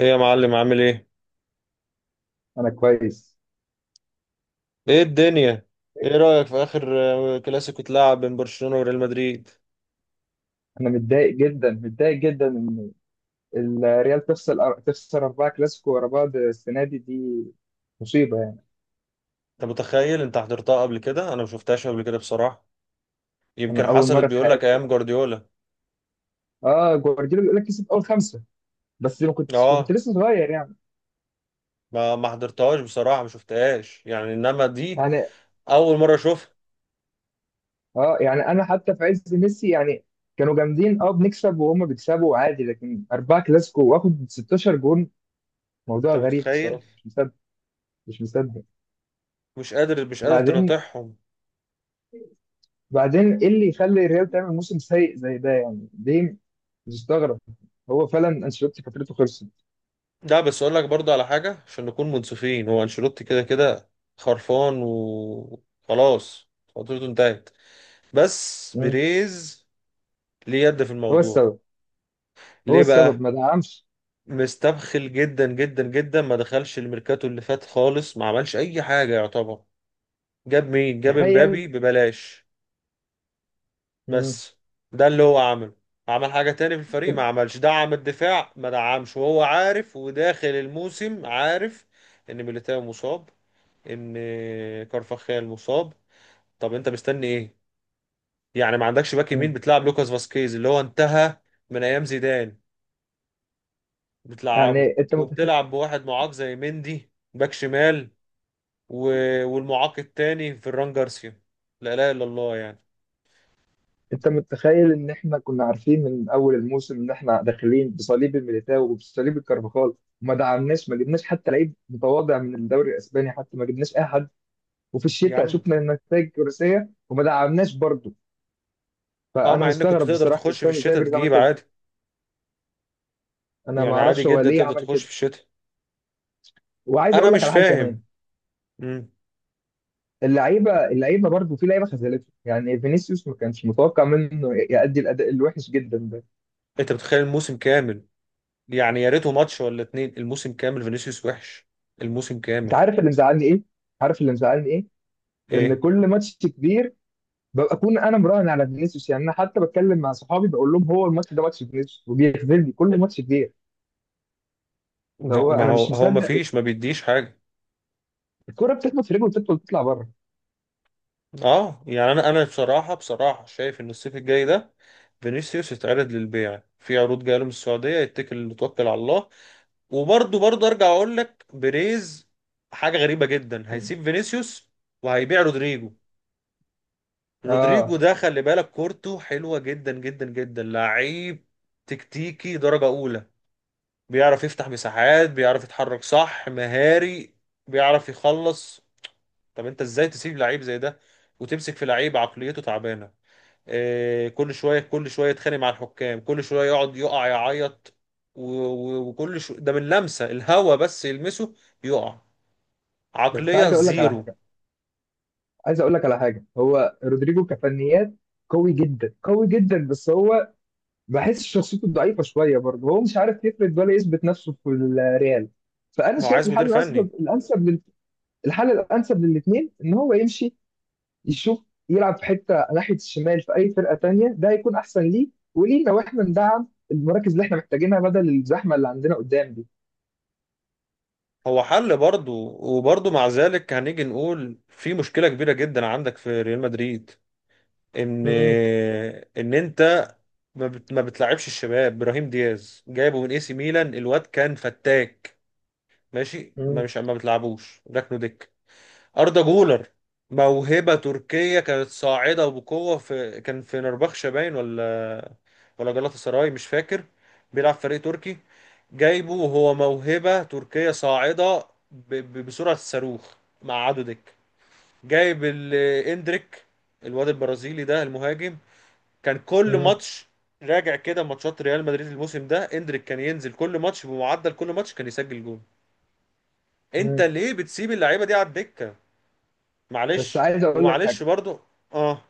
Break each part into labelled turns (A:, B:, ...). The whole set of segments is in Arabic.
A: ايه يا معلم، عامل ايه؟
B: انا كويس.
A: ايه الدنيا؟ ايه رأيك في اخر كلاسيكو اتلعب بين برشلونة وريال مدريد؟
B: انا متضايق جدا، متضايق جدا ان الريال تخسر اربعه كلاسيكو ورا بعض السنه دي، مصيبه يعني.
A: انت متخيل؟ انت حضرتها قبل كده؟ انا ما شفتهاش قبل كده بصراحة. يمكن
B: انا اول
A: حصلت،
B: مره في
A: بيقول لك
B: حياتي.
A: ايام جوارديولا.
B: اه، جوارديولا بيقول لك كسب اول خمسه، بس ما كنت
A: اه،
B: لسه صغير يعني.
A: ما حضرتهاش بصراحة، ما شفتهاش يعني، انما دي
B: يعني
A: اول مرة اشوفها.
B: اه يعني انا حتى في عز ميسي يعني كانوا جامدين، بنكسب وهم بيكسبوا عادي، لكن اربعه كلاسيكو واخد 16 جون. موضوع
A: انت
B: غريب
A: متخيل؟
B: بصراحه، مش مصدق، مش مصدق.
A: مش قادر، مش قادر
B: بعدين
A: تناطحهم.
B: بعدين ايه اللي يخلي الريال تعمل موسم سيء زي ده؟ يعني ليه؟ مستغرب. هو فعلا انشيلوتي فترته خلصت.
A: لا، بس اقول لك برضه على حاجة عشان نكون منصفين، هو انشيلوتي كده كده خرفان وخلاص، فترته انتهت. بس
B: مم.
A: بيريز ليه يد في
B: هو
A: الموضوع؟
B: السبب، هو
A: ليه
B: السبب
A: بقى؟
B: ما دعمش.
A: مستبخل جدا جدا جدا، ما دخلش الميركاتو اللي فات خالص، ما عملش اي حاجه يعتبر. جاب مين؟ جاب
B: تخيل.
A: مبابي ببلاش،
B: مم.
A: بس ده اللي هو عمله. عمل حاجه تاني في الفريق، ما عملش دعم الدفاع، ما دعمش وهو عارف، وداخل الموسم عارف ان ميليتاو مصاب، ان كارفاخال مصاب. طب انت مستني ايه؟ يعني ما عندكش باك يمين،
B: مم.
A: بتلعب لوكاس فاسكيز اللي هو انتهى من ايام زيدان، بتلعبه.
B: يعني
A: وبتلعب بواحد معاق زي مندي باك شمال، و... والمعاق التاني فران جارسيا. لا لا الا الله يعني.
B: انت متخيل ان احنا كنا عارفين من اول الموسم ان احنا داخلين بصليب الميليتاو وبصليب الكارفاخال، وما دعمناش، ما جبناش حتى لعيب متواضع من الدوري الاسباني، حتى ما جبناش اي حد. وفي
A: يا
B: الشتاء
A: عم دي.
B: شفنا النتائج الكرسيه وما دعمناش برضه.
A: اه،
B: فانا
A: مع انك كنت
B: مستغرب
A: تقدر
B: بصراحه، مش
A: تخش في
B: فاهم ازاي
A: الشتاء
B: بيريز عمل
A: تجيب
B: كده.
A: عادي.
B: انا ما
A: يعني عادي
B: اعرفش هو
A: جدا
B: ليه
A: تقدر
B: عمل
A: تخش
B: كده.
A: في الشتاء.
B: وعايز
A: انا
B: اقول لك
A: مش
B: على حاجه كمان.
A: فاهم. مم.
B: اللعيبه برضه، في لعيبه خذلته يعني، فينيسيوس ما كانش متوقع منه يأدي الاداء الوحش جدا ده.
A: انت بتخيل الموسم كامل؟ يعني يا ريته ماتش ولا اتنين، الموسم كامل فينيسيوس وحش. الموسم
B: انت
A: كامل.
B: عارف اللي مزعلني ايه؟ عارف اللي مزعلني ايه؟ ان
A: ايه.
B: كل ماتش كبير ببقى اكون انا مراهن على فينيسيوس، يعني انا حتى بتكلم مع صحابي بقول لهم هو الماتش ده ماتش فينيسيوس، وبيخذلني كل ماتش كبير.
A: لا،
B: هو
A: ما
B: انا
A: هو
B: مش
A: هو ما
B: مصدق.
A: فيش، ما بيديش حاجة.
B: الكره بتخبط في رجله وتدخل تطلع بره.
A: اه يعني انا بصراحه بصراحه شايف ان الصيف الجاي ده فينيسيوس يتعرض للبيع في عروض جايه له من السعوديه، يتكل، توكل على الله. وبرضه برضه ارجع اقول لك، بيريز حاجه غريبه جدا، هيسيب فينيسيوس وهيبيع رودريجو. رودريجو
B: اه.
A: ده خلي بالك كورته حلوه جدا جدا جدا، لعيب تكتيكي درجه اولى، بيعرف يفتح مساحات، بيعرف يتحرك صح، مهاري، بيعرف يخلص. طب انت ازاي تسيب لعيب زي ده وتمسك في لعيب عقليته تعبانه؟ كل شويه كل شويه يتخانق مع الحكام، كل شويه يقعد يقع يعيط، و- و- وكل شو ده، من لمسه الهوا بس يلمسه يقع.
B: بس
A: عقليه
B: عايز اقول لك على
A: زيرو.
B: حاجه، عايز اقول لك على حاجه، هو رودريجو كفنيات قوي جدا، قوي جدا، بس هو بحس شخصيته ضعيفه شويه برضه، هو مش عارف يفرد ولا يثبت نفسه في الريال. فانا
A: ما هو
B: شايف
A: عايز مدير فني.
B: الحل الانسب للاثنين ان هو يمشي، يشوف يلعب في حته ناحيه الشمال في اي فرقه تانية، ده هيكون احسن ليه ولينا، واحنا ندعم المراكز اللي احنا محتاجينها بدل الزحمه اللي عندنا قدام دي.
A: هو حل برضه، وبرضه مع ذلك هنيجي نقول في مشكله كبيره جدا عندك في ريال مدريد، ان
B: مم.
A: ان انت ما بتلعبش الشباب. ابراهيم دياز جايبه من اي سي ميلان، الواد كان فتاك، ماشي،
B: مم.
A: ما بتلعبوش، ركنه دكه. أردا جولر موهبة تركية كانت صاعدة بقوة، في، كان في نربخشة باين، ولا ولا جلاطة سراي مش فاكر، بيلعب في فريق تركي. جايبه وهو موهبة تركية صاعدة بسرعة الصاروخ، مع عدو دك. جايب اندريك، الواد البرازيلي ده المهاجم، كان كل
B: مم.
A: ماتش. راجع كده ماتشات ريال مدريد الموسم ده، اندريك كان ينزل كل ماتش، بمعدل كل ماتش كان يسجل جول. انت
B: مم.
A: ليه بتسيب اللعيبة دي على الدكة؟
B: بس
A: معلش،
B: عايز اقول لك حاجه.
A: ومعلش برضو. اه،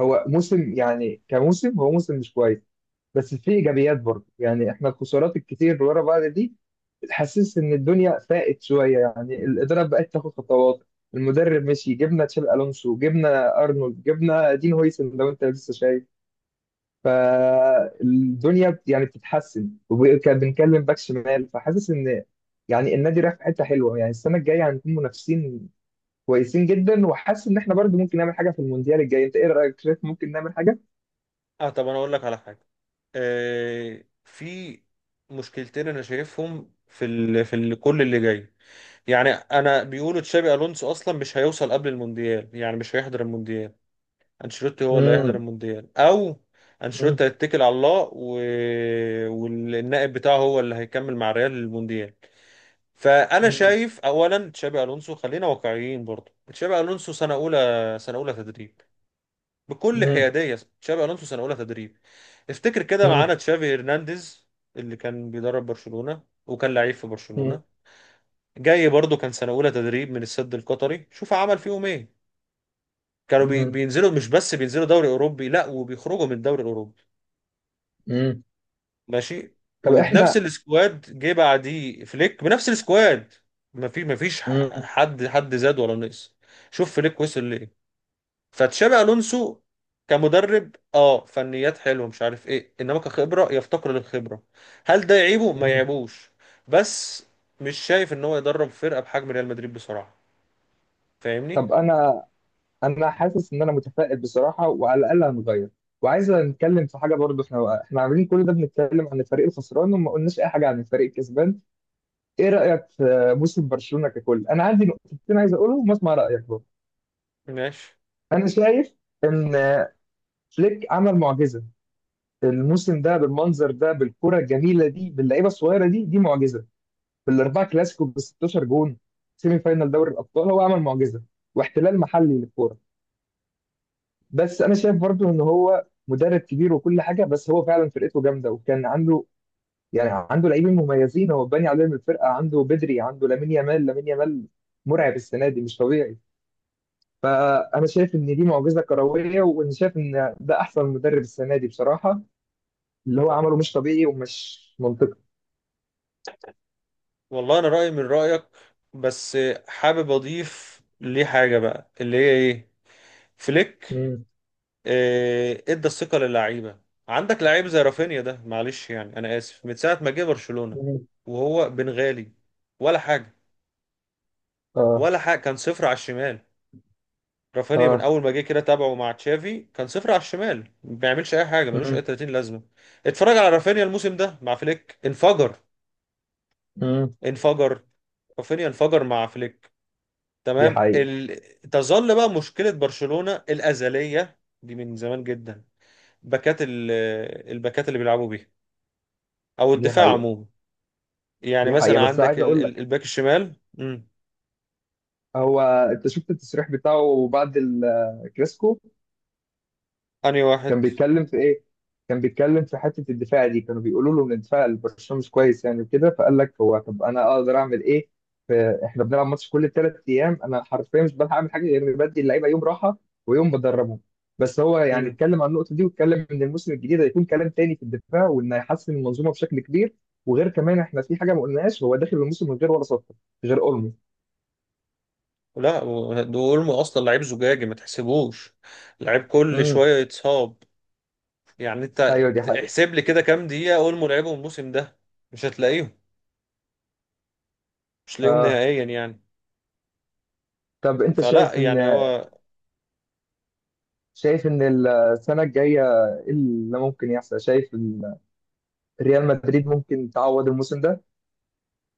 B: هو موسم، يعني كموسم، هو موسم مش كويس، بس في ايجابيات برضه، يعني احنا الخسارات الكتير اللي ورا بعض دي تحسس ان الدنيا فاقت شويه، يعني الاداره بقت تاخد خطوات، المدرب مشي، جبنا تشابي الونسو، جبنا ارنولد، جبنا دين هويسن، لو انت لسه شايف. فالدنيا يعني بتتحسن، وكان بنتكلم باك شمال، فحاسس ان يعني النادي رايح في حته حلوه، يعني السنه الجايه هنكون منافسين كويسين جدا، وحاسس ان احنا برضه ممكن نعمل حاجه في المونديال الجاي. انت ايه رايك؟ شايف ممكن نعمل حاجه؟
A: اه طب انا اقول لك على حاجه. في مشكلتين انا شايفهم في كل اللي جاي. يعني انا بيقولوا تشابي الونسو اصلا مش هيوصل قبل المونديال، يعني مش هيحضر المونديال. انشيلوتي هو اللي هيحضر
B: امم.
A: المونديال، او انشيلوتي هيتكل على الله والنائب بتاعه هو اللي هيكمل مع ريال المونديال. فانا شايف اولا تشابي الونسو، خلينا واقعيين برضه، تشابي الونسو سنه اولى، سنه اولى تدريب. بكل حياديه تشابي الونسو سنه اولى تدريب. افتكر كده معانا
B: امم.
A: تشافي هرنانديز اللي كان بيدرب برشلونه وكان لعيب في
B: مم.
A: برشلونه، جاي برضه كان سنه اولى تدريب من السد القطري، شوف عمل فيهم ايه. كانوا
B: مم.
A: بينزلوا، مش بس بينزلوا دوري اوروبي، لا وبيخرجوا من الدوري الاوروبي.
B: مم.
A: ماشي.
B: طب
A: وبنفس
B: احنا.
A: السكواد جه بعديه فليك بنفس السكواد، ما فيش
B: مم.
A: حد زاد ولا نقص. شوف فليك وصل ليه. فتشابي الونسو كمدرب، اه فنيات حلوه مش عارف ايه، انما كخبره يفتقر للخبره. هل ده يعيبه؟ ما
B: مم.
A: يعيبوش. بس مش شايف ان هو يدرب فرقه بحجم ريال مدريد بصراحه. فاهمني؟
B: طب انا حاسس ان انا متفائل بصراحه، وعلى الاقل هنغير. وعايز نتكلم في حاجه برضه، احنا عاملين كل ده، بنتكلم عن الفريق الخسران وما قلناش اي حاجه عن الفريق الكسبان. ايه رايك في موسم برشلونه ككل؟ انا عندي نقطتين عايز اقولهم واسمع رايك برضه.
A: ماشي.
B: انا شايف ان فليك عمل معجزه، الموسم ده بالمنظر ده بالكره الجميله دي باللعيبه الصغيره دي، دي معجزه. بالاربعه كلاسيكو ب 16 جون، سيمي فاينال دوري الابطال، هو عمل معجزه، واحتلال محلي للكوره. بس انا شايف برضو ان هو مدرب كبير وكل حاجه، بس هو فعلا فرقته جامده، وكان عنده يعني عنده لاعبين مميزين، هو باني عليهم الفرقه، عنده بدري، عنده لامين يامال، لامين يامال مرعب السنه دي، مش طبيعي. فانا شايف ان دي معجزه كرويه، وانا شايف ان ده احسن مدرب السنه دي بصراحه، اللي هو عمله مش طبيعي ومش منطقي.
A: والله انا رايي من رايك، بس حابب اضيف ليه حاجه بقى اللي هي ايه. فليك
B: مم.
A: ادى الثقه للعيبه. عندك لعيب زي رافينيا ده، معلش يعني انا اسف، من ساعه ما جه برشلونه
B: مم.
A: وهو بنغالي، ولا حاجه،
B: اه.
A: ولا حاجه، كان صفر على الشمال. رافينيا من
B: اه.
A: اول ما جه كده تابعه مع تشافي كان صفر على الشمال، ما بيعملش اي حاجه، ملوش اي
B: مم.
A: 30 لازمه. اتفرج على رافينيا الموسم ده مع فليك، انفجر،
B: مم.
A: انفجر. رافينيا انفجر مع فليك.
B: دي
A: تمام.
B: حقيقه.
A: تظل بقى مشكله برشلونه الازليه، دي من زمان جدا، باكات الباكات اللي بيلعبوا بيها، او
B: دي
A: الدفاع
B: حقيقه.
A: عموما. يعني
B: دي حقيقة.
A: مثلا
B: بس
A: عندك
B: عايز اقول لك،
A: الباك الشمال. امم.
B: هو انت شفت التصريح بتاعه بعد الكلاسيكو؟
A: انهي
B: كان
A: واحد؟
B: بيتكلم في ايه؟ كان بيتكلم في حتة الدفاع دي، كانوا بيقولوا له ان دفاع برشلونة مش كويس يعني، وكده فقال لك هو طب انا اقدر اعمل ايه؟ ف- احنا بنلعب ماتش كل 3 ايام، انا حرفيا مش بلحق اعمل حاجة غير اني بدي اللعيبة يوم راحة ويوم بدربهم. بس هو يعني اتكلم عن النقطة دي، واتكلم ان الموسم الجديد هيكون كلام تاني في الدفاع، وان هيحسن المنظومة بشكل كبير. وغير كمان احنا في حاجة ما قلناهاش، هو داخل الموسم من غير ولا صفقة غير اولمو.
A: لا دول اصلا لعيب زجاجي، ما تحسبوش، لعيب كل
B: امم.
A: شويه يتصاب. يعني انت
B: ايوه، دي حقيقة.
A: احسب لي كده كام دقيقه اولمو لعبهم الموسم ده، مش هتلاقيهم، مش هتلاقيهم
B: آه،
A: نهائيا يعني.
B: طب انت
A: فلا
B: شايف ان
A: يعني هو.
B: شايف ان السنه الجايه ايه اللي ممكن يحصل، شايف ريال مدريد ممكن تعوض الموسم ده؟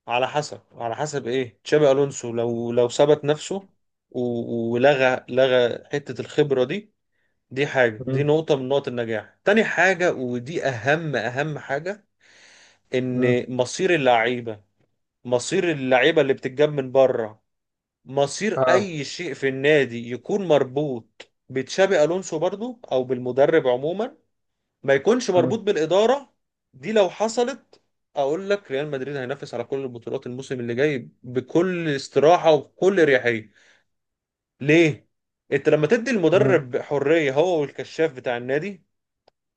A: على حسب، على حسب ايه تشابي الونسو. لو ثبت نفسه ولغى حته الخبره دي، دي حاجه، دي
B: مم.
A: نقطه من نقط النجاح. تاني حاجه، ودي اهم اهم حاجه،
B: مم.
A: ان مصير اللعيبه، مصير اللعيبه اللي بتتجاب من بره، مصير
B: اه.
A: اي شيء في النادي يكون مربوط بتشابي الونسو برضو، او بالمدرب عموما، ما يكونش مربوط
B: مم.
A: بالاداره. دي لو حصلت اقول لك ريال مدريد هينافس على كل البطولات الموسم اللي جاي بكل استراحه وبكل اريحيه. ليه؟ انت لما تدي
B: مم.
A: المدرب حريه، هو والكشاف بتاع النادي،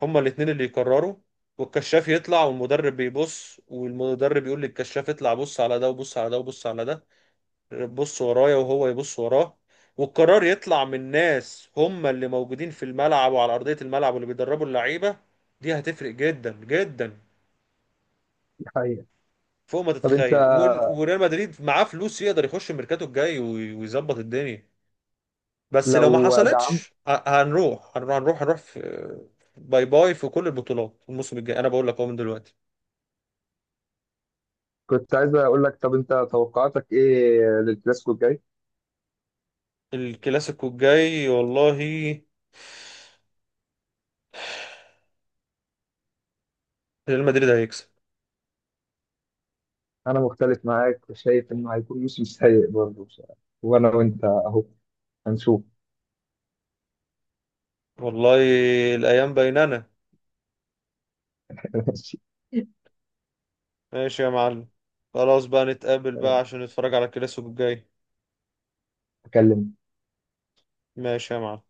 A: هما الاتنين اللي يقرروا. والكشاف يطلع، والمدرب بيبص، والمدرب يقول للكشاف اطلع بص على ده، وبص على ده، وبص على ده، بص ورايا وهو يبص وراه. والقرار يطلع من ناس هم اللي موجودين في الملعب وعلى أرضية الملعب واللي بيدربوا اللعيبة. دي هتفرق جدا جدا
B: دي حقيقة.
A: فوق ما
B: طب انت،
A: تتخيل. وريال مدريد معاه فلوس، يقدر يخش الميركاتو الجاي ويظبط الدنيا. بس لو ما
B: لو دعمت،
A: حصلتش، هنروح في باي باي في كل البطولات الموسم الجاي. انا بقول لك اهو من دلوقتي.
B: كنت عايز اقول لك طب انت توقعاتك ايه للكلاسيكو الجاي؟
A: الكلاسيكو الجاي، والله ريال مدريد هيكسب.
B: انا مختلف معاك، وشايف انه هيكون موسم سيء برضه بصراحة. وانا وانت اهو، هنشوف.
A: والله الايام بيننا.
B: ماشي.
A: ماشي يا معلم. خلاص بقى، نتقابل بقى عشان نتفرج على الكلاسيكو الجاي.
B: اكلمك.
A: ماشي يا معلم.